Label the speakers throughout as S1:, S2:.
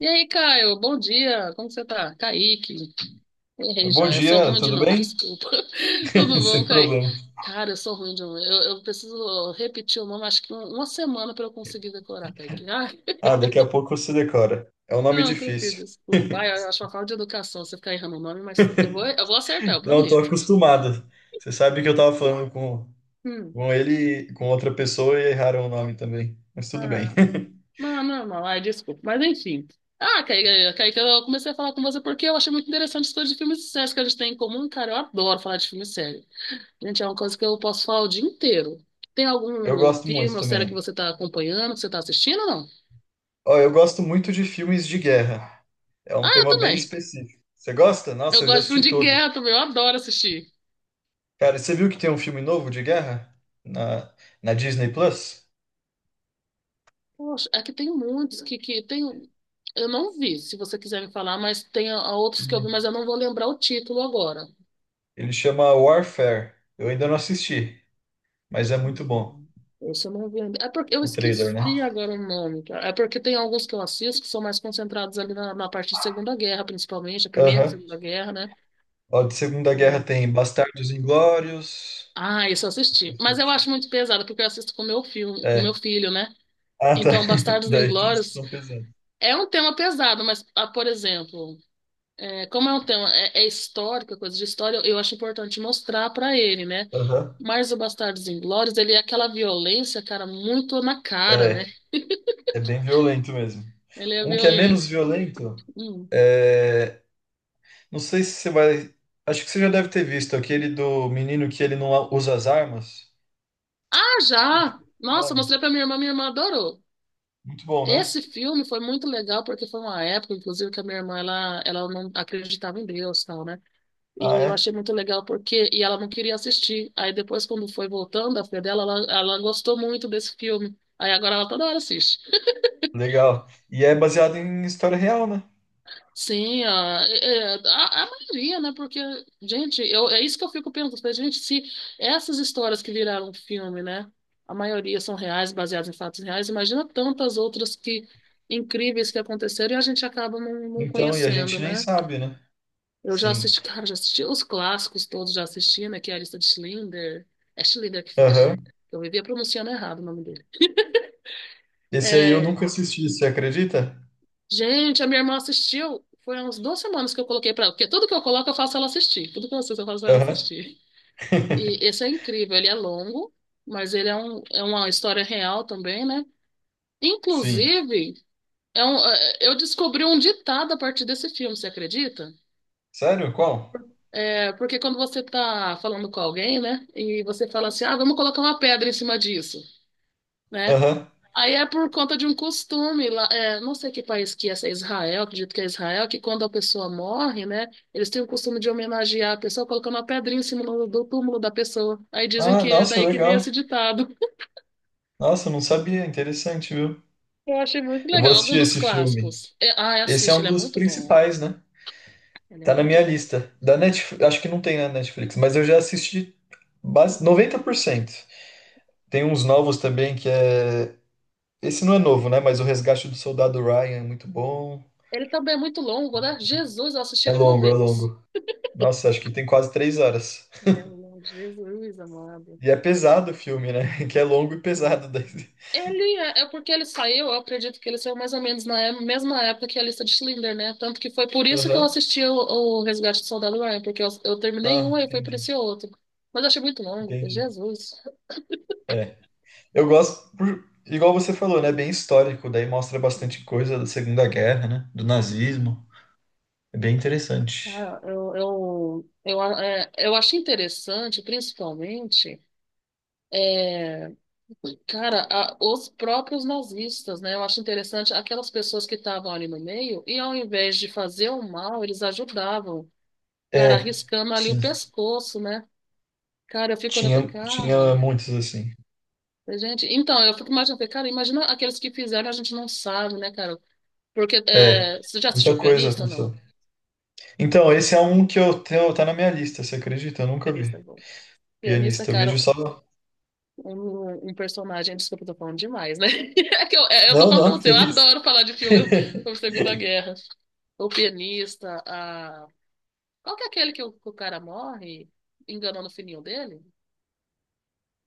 S1: E aí, Caio, bom dia, como que você tá? Kaique, errei
S2: Bom
S1: já, é só
S2: dia,
S1: ruim de
S2: tudo
S1: nome,
S2: bem?
S1: desculpa. Tudo
S2: Sem
S1: bom, Kaique?
S2: problema.
S1: Cara, eu sou ruim de nome, eu preciso repetir o nome, acho que uma semana para eu conseguir decorar, Kaique. Ai,
S2: Ah, daqui a pouco você decora. É um nome
S1: não, tranquilo,
S2: difícil.
S1: desculpa. Ai, eu acho uma falta de educação você ficar errando o nome, mas eu vou acertar, eu
S2: Não, estou
S1: prometo.
S2: acostumado. Você sabe que eu estava falando com,
S1: Hum.
S2: com ele, e com outra pessoa e erraram o nome também. Mas tudo bem.
S1: Ah, não, normal, ai, desculpa, mas enfim. Ah, Kaique, eu comecei a falar com você porque eu achei muito interessante as coisas de filmes e séries que a gente tem em comum, cara, eu adoro falar de filme e série. Gente, é uma coisa que eu posso falar o dia inteiro. Tem
S2: Eu
S1: algum
S2: gosto
S1: filme
S2: muito
S1: ou série que
S2: também.
S1: você está acompanhando, que você está assistindo ou não?
S2: Ó, eu gosto muito de filmes de guerra. É
S1: Ah,
S2: um
S1: eu
S2: tema bem
S1: também.
S2: específico. Você gosta?
S1: Eu
S2: Nossa, eu já
S1: gosto de filme
S2: assisti
S1: de
S2: todo.
S1: guerra também, eu adoro assistir.
S2: Cara, você viu que tem um filme novo de guerra na, na Disney Plus?
S1: Poxa, é que tem muitos que tem. Eu não vi, se você quiser me falar, mas tem a outros que eu vi,
S2: Uhum.
S1: mas eu não vou lembrar o título agora.
S2: Ele chama Warfare. Eu ainda não assisti, mas é muito bom
S1: Hum, Esse eu não vi ainda. É porque eu
S2: o trailer, né?
S1: esqueci agora o nome, cara. É porque tem alguns que eu assisto que são mais concentrados ali na parte de Segunda Guerra, principalmente, a Primeira e
S2: Aham.
S1: Segunda Guerra, né?
S2: Ó, de Segunda Guerra tem Bastardos Inglórios.
S1: Ah, isso eu assisti. Mas eu acho muito pesado, porque eu assisto com meu filho,
S2: É.
S1: né?
S2: Ah, tá.
S1: Então, Bastardos
S2: Daí tem uns que
S1: Inglórios
S2: são pesados.
S1: é um tema pesado, mas, ah, por exemplo, é, como é um é histórico, é coisa de história, eu acho importante mostrar pra ele, né?
S2: Aham.
S1: Mas o Bastardos Inglórios, ele é aquela violência, cara, muito na cara, né?
S2: É, é bem violento mesmo.
S1: Ele é
S2: Um que é menos
S1: violento.
S2: violento
S1: Hum.
S2: é. Não sei se você vai. Acho que você já deve ter visto aquele do menino que ele não usa as armas.
S1: Ah, já! Nossa, eu
S2: Nome.
S1: mostrei pra minha irmã adorou.
S2: Muito bom, né?
S1: Esse filme foi muito legal porque foi uma época, inclusive, que a minha irmã ela não acreditava em Deus, tal, né?
S2: Ah,
S1: E eu
S2: é?
S1: achei muito legal porque e ela não queria assistir. Aí depois, quando foi voltando, a filha dela, ela gostou muito desse filme. Aí agora ela toda hora assiste.
S2: Legal. E é baseado em história real, né?
S1: Sim, a, é- é, a maioria, né? Porque, gente, eu, é isso que eu fico pensando. Falei, gente, se essas histórias que viraram um filme, né? A maioria são reais, baseadas em fatos reais. Imagina tantas outras que incríveis que aconteceram e a gente acaba não
S2: Então, e a
S1: conhecendo,
S2: gente nem
S1: né?
S2: sabe, né?
S1: Eu já
S2: Sim.
S1: assisti, cara, já assisti os clássicos todos, já assisti, né? Que é a lista de Schindler. É Schindler que fala,
S2: Aham.
S1: né? Eu vivia pronunciando errado o nome dele.
S2: Esse aí eu
S1: É,
S2: nunca assisti, você acredita?
S1: gente, a minha irmã assistiu. Foi há uns duas semanas que eu coloquei pra ela. Porque tudo que eu coloco, eu faço ela assistir. Tudo que eu assisto, eu faço ela
S2: Aham.
S1: assistir. E esse é incrível. Ele é longo, mas ele é, é uma história real também, né?
S2: Sim.
S1: Inclusive, eu descobri um ditado a partir desse filme, você acredita?
S2: Sério? Qual?
S1: É, porque quando você está falando com alguém, né, e você fala assim, ah, vamos colocar uma pedra em cima disso, né?
S2: Aham.
S1: Aí é por conta de um costume lá, é, não sei que país que é, se é Israel, acredito que é Israel, que quando a pessoa morre, né, eles têm o costume de homenagear a pessoa colocando uma pedrinha em cima do túmulo da pessoa. Aí dizem
S2: Ah,
S1: que é
S2: nossa,
S1: daí que veio
S2: legal.
S1: esse ditado.
S2: Nossa, eu não sabia. Interessante, viu?
S1: Eu achei muito
S2: Eu vou
S1: legal, um
S2: assistir
S1: dos
S2: esse filme.
S1: clássicos. É, ah,
S2: Esse é
S1: assiste,
S2: um
S1: ele é
S2: dos
S1: muito bom.
S2: principais, né?
S1: Ele é
S2: Tá na
S1: muito
S2: minha
S1: bom.
S2: lista. Da Netflix, acho que não tem na Netflix, mas eu já assisti base
S1: Hum.
S2: 90%. Tem uns novos também que é. Esse não é novo, né? Mas O Resgate do Soldado Ryan é muito bom.
S1: Ele também é muito longo, né? Jesus, eu assisti
S2: É
S1: ele uma
S2: longo, é
S1: vez.
S2: longo. Nossa, acho que tem quase 3 horas.
S1: Ele é o nome de Jesus, amado.
S2: E é pesado o filme, né? Que é longo e pesado. daí.
S1: Ele é, é porque ele saiu, eu acredito que ele saiu mais ou menos na mesma época que a lista de Schindler, né? Tanto que foi por isso que eu
S2: Aham.
S1: assisti o Resgate do Soldado Ryan, porque eu terminei
S2: Ah,
S1: um e foi por
S2: entendi.
S1: esse outro. Mas eu achei muito longo, foi
S2: Entendi.
S1: Jesus.
S2: É. Eu gosto, igual você falou, né? É bem histórico, daí mostra
S1: Sim,
S2: bastante coisa da Segunda Guerra, né? Do
S1: sim.
S2: nazismo. É bem interessante.
S1: Ah, eu acho interessante, principalmente, é, cara, os próprios nazistas, né? Eu acho interessante aquelas pessoas que estavam ali no meio e ao invés de fazer o mal, eles ajudavam. Cara,
S2: É,
S1: arriscando ali o
S2: sim.
S1: pescoço, né? Cara, eu fico olhando, falei,
S2: Tinha
S1: cara,
S2: muitos, assim.
S1: gente, então, eu fico imaginando, falei, cara, imagina aqueles que fizeram, a gente não sabe, né, cara? Porque,
S2: É,
S1: é, você já assistiu
S2: muita coisa
S1: Pianista, ou
S2: aconteceu.
S1: não?
S2: Então, esse é um que eu tenho, tá na minha lista, você acredita? Eu nunca
S1: Pianista é
S2: vi.
S1: bom. Pianista,
S2: Pianista, o
S1: cara,
S2: vídeo só.
S1: um personagem, desculpa, eu tô falando demais, né? É que eu, é, eu tô
S2: Não,
S1: falando pra
S2: não,
S1: você,
S2: que
S1: eu
S2: isso.
S1: adoro falar de filme sobre Segunda Guerra. O Pianista, a... Qual que é aquele que que o cara morre enganando o filhinho dele?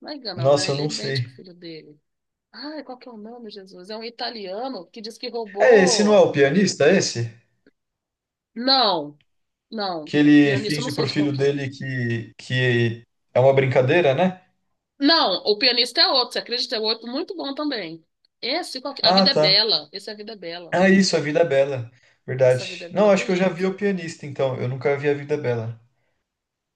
S1: Não é enganando, né?
S2: Nossa, eu
S1: Ele
S2: não
S1: mente
S2: sei.
S1: pro filho dele. Ai, qual que é o nome, Jesus? É um italiano que diz que
S2: É, esse não é
S1: roubou.
S2: o pianista, é esse?
S1: Não, não.
S2: Que ele
S1: Pianista, eu não
S2: finge
S1: sei
S2: pro
S1: de qual
S2: filho
S1: que é.
S2: dele que é uma brincadeira, né?
S1: Não, o pianista é outro, você acredita? É outro muito bom também. Esse, qual que... A
S2: Ah,
S1: Vida é
S2: tá.
S1: Bela. Esse é A Vida é Bela.
S2: Ah, isso, A Vida é Bela.
S1: Nossa, A Vida
S2: Verdade.
S1: é Bela é
S2: Não, acho que eu já
S1: bonito.
S2: vi O Pianista, então. Eu nunca vi A Vida é Bela.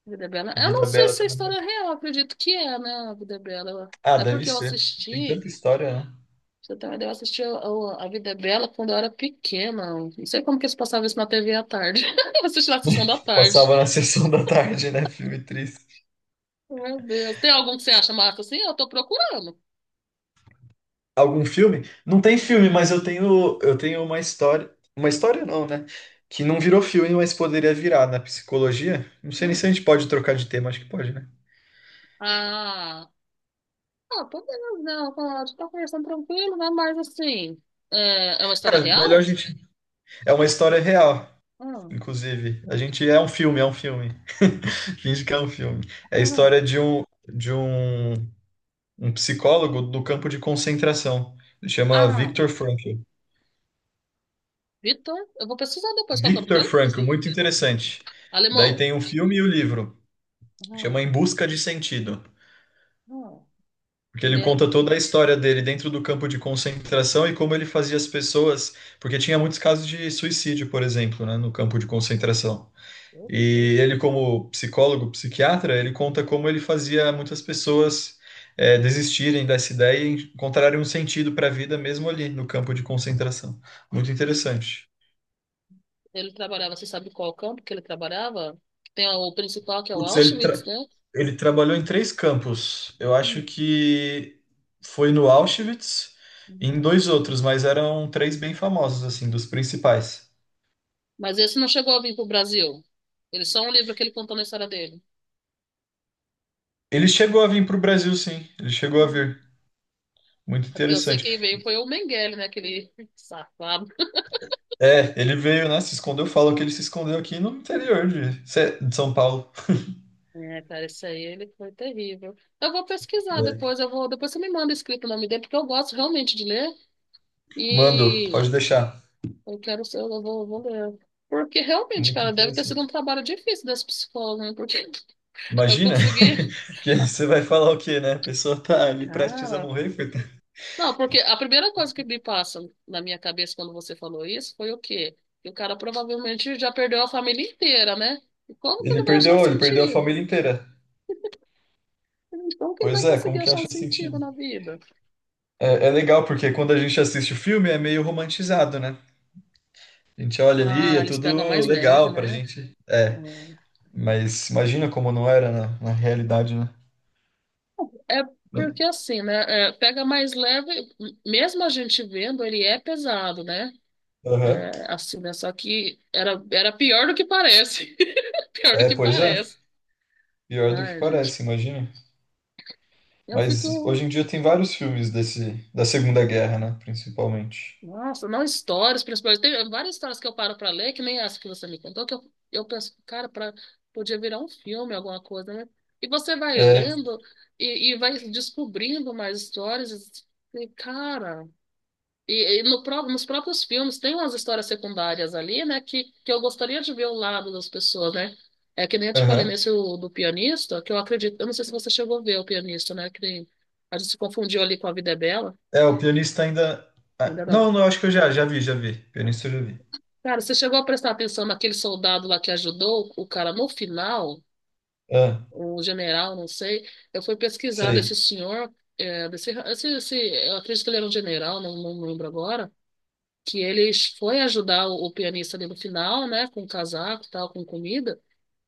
S1: A Vida é Bela. Eu não
S2: Vida é
S1: sei
S2: Bela
S1: se é
S2: também.
S1: história real, acredito que é, né? A Vida é Bela.
S2: Ah,
S1: É
S2: deve
S1: porque eu
S2: ser. Tem
S1: assisti.
S2: tanta história, né?
S1: Você também deu assistir A Vida é Bela quando eu era pequena. Não sei como que eles passavam isso na TV à tarde. Eu assisti na sessão da tarde.
S2: Passava na sessão da tarde, né? Filme triste.
S1: Meu Deus. Tem algum que você acha massa assim? Eu tô procurando.
S2: Algum filme? Não tem
S1: É.
S2: filme, mas eu tenho uma história. Uma história não, né? Que não virou filme, mas poderia virar na psicologia. Não sei nem se a
S1: Hum.
S2: gente pode trocar de tema, acho que pode, né?
S1: Ah, ah, por que não, pode. Tá conversando tranquilo, né? Mas assim, é uma história
S2: Cara, melhor a
S1: real?
S2: gente. É uma história real,
S1: Hum,
S2: inclusive. A gente é um filme, é um filme. Finge que é um filme. É a
S1: uhum,
S2: história de um um psicólogo do campo de concentração. Ele chama
S1: ah,
S2: Viktor Frankl.
S1: Vitor, eu vou pesquisar depois qual que é o nome
S2: Viktor
S1: dele.
S2: Frankl, muito interessante. Daí
S1: Alemão.
S2: tem um filme e o livro, chama
S1: Uhum,
S2: Em Busca de Sentido,
S1: uhum.
S2: porque
S1: Ele,
S2: ele
S1: é-
S2: conta toda a história dele dentro do campo de concentração e como ele fazia as pessoas, porque tinha muitos casos de suicídio, por exemplo, né, no campo de concentração.
S1: Meu
S2: E
S1: Deus.
S2: ele, como psicólogo, psiquiatra, ele conta como ele fazia muitas pessoas desistirem dessa ideia e encontrarem um sentido para a vida mesmo ali no campo de concentração. Muito interessante.
S1: Ele trabalhava, você sabe qual campo que ele trabalhava? Tem o principal, que é o
S2: Putz,
S1: Auschwitz, né?
S2: ele trabalhou em três campos. Eu acho
S1: Hum,
S2: que foi no Auschwitz e em
S1: uhum.
S2: dois outros, mas eram três bem famosos, assim, dos principais.
S1: Mas esse não chegou a vir pro Brasil. Ele só um livro que ele contou na história dele.
S2: Ele chegou a vir para o Brasil, sim. Ele chegou a vir. Muito
S1: É. Porque eu sei
S2: interessante.
S1: quem veio foi o Mengele, né? Aquele safado.
S2: É, ele veio, né? Se escondeu. Falam que ele se escondeu aqui no interior de São Paulo.
S1: É, cara, isso aí ele foi terrível. Eu vou pesquisar
S2: É.
S1: depois, depois você me manda escrito o nome dele, porque eu gosto realmente de ler
S2: Mando,
S1: e
S2: pode deixar.
S1: eu quero ser, vou ler. Porque realmente,
S2: Muito
S1: cara, deve ter sido um
S2: interessante.
S1: trabalho difícil das psicólogas, né? Porque eu
S2: Imagina
S1: consegui.
S2: que
S1: Ah,
S2: você vai falar o quê, né? A pessoa tá ali prestes a
S1: cara.
S2: morrer, coitado.
S1: Não, porque a primeira coisa que me passa na minha cabeça quando você falou isso foi o quê? Que o cara provavelmente já perdeu a família inteira, né? E como que
S2: Ele
S1: ele vai achar um
S2: perdeu, ele perdeu a
S1: sentido?
S2: família inteira.
S1: Então que ele vai
S2: Pois é,
S1: conseguir
S2: como que
S1: achar um
S2: acha
S1: sentido
S2: sentido?
S1: na vida?
S2: É, é legal, porque quando a gente assiste o filme é meio romantizado, né? A gente olha ali,
S1: Ah,
S2: é
S1: eles pegam
S2: tudo
S1: mais leve,
S2: legal pra
S1: né?
S2: gente. É, mas imagina como não era na realidade, né?
S1: É, é porque assim, né? Pega mais leve, mesmo a gente vendo, ele é pesado, né?
S2: Aham.
S1: É, assim, né? Só que era pior do que parece. Pior do
S2: É,
S1: que
S2: pois é.
S1: parece.
S2: Pior do que
S1: Ai, gente.
S2: parece, imagina.
S1: Eu
S2: Mas
S1: fico.
S2: hoje em dia tem vários filmes desse, da Segunda Guerra, né? Principalmente.
S1: Nossa, não histórias, principalmente. Tem várias histórias que eu paro pra ler, que nem essa que você me contou, eu penso, cara, pra, podia virar um filme, alguma coisa, né? E você vai
S2: É,
S1: lendo e vai descobrindo mais histórias. E, cara, e no, pró- nos próprios filmes tem umas histórias secundárias ali, né? Que eu gostaria de ver o lado das pessoas, né? É que nem eu te falei
S2: aham.
S1: nesse do pianista, que eu acredito. Eu não sei se você chegou a ver o pianista, né? Que nem, a gente se confundiu ali com A Vida é Bela.
S2: É, o pianista ainda. Ah,
S1: Ainda não.
S2: não, não, acho que eu já vi. Pianista eu já vi.
S1: Cara, você chegou a prestar atenção naquele soldado lá que ajudou o cara no final,
S2: Ah,
S1: o general, não sei. Eu fui pesquisar desse
S2: sei.
S1: senhor, é, desse, esse, esse- eu acredito que ele era um general, não lembro agora, que ele foi ajudar o pianista ali no final, né, com casaco e tal, com comida.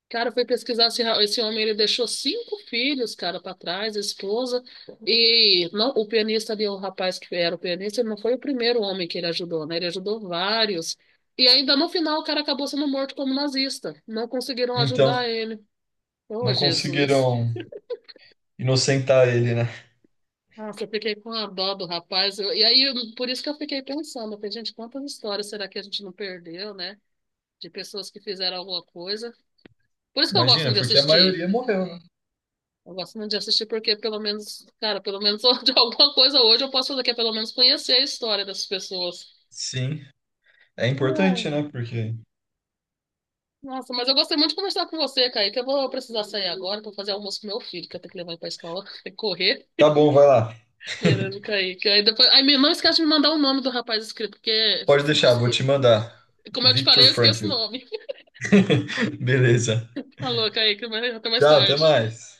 S1: Cara, eu fui pesquisar esse homem, ele deixou cinco filhos, cara, para trás, esposa. E não, o pianista ali, o rapaz que era o pianista, ele não foi o primeiro homem que ele ajudou, né? Ele ajudou vários. E ainda no final o cara acabou sendo morto como nazista. Não conseguiram
S2: Então,
S1: ajudar ele. Ô,
S2: não
S1: Jesus.
S2: conseguiram inocentar ele, né?
S1: Nossa, eu fiquei com a dó do rapaz. Por isso que eu fiquei pensando, eu falei, gente, quantas histórias será que a gente não perdeu, né? De pessoas que fizeram alguma coisa. Por isso que eu gosto
S2: Imagina,
S1: de
S2: porque a
S1: assistir.
S2: maioria morreu, né?
S1: Eu gosto muito de assistir porque pelo menos, cara, pelo menos de alguma coisa hoje eu posso fazer, que é pelo menos conhecer a história dessas pessoas.
S2: Sim. É importante,
S1: Ai,
S2: né? Porque.
S1: nossa, mas eu gostei muito de conversar com você, Kaique. Eu vou precisar sair agora para fazer almoço pro meu filho, que eu tenho que levar ele pra escola, tem que correr.
S2: Tá bom, vai lá.
S1: Beleza, Kaique. Aí depois, não esquece de me mandar o nome do rapaz inscrito, porque
S2: Pode
S1: senão eu
S2: deixar, vou
S1: esqueço.
S2: te mandar.
S1: Como eu te
S2: Viktor
S1: falei, eu esqueço o
S2: Frankl.
S1: nome.
S2: Beleza.
S1: Alô, Kaique, mas até mais
S2: Tchau, até
S1: tarde.
S2: mais.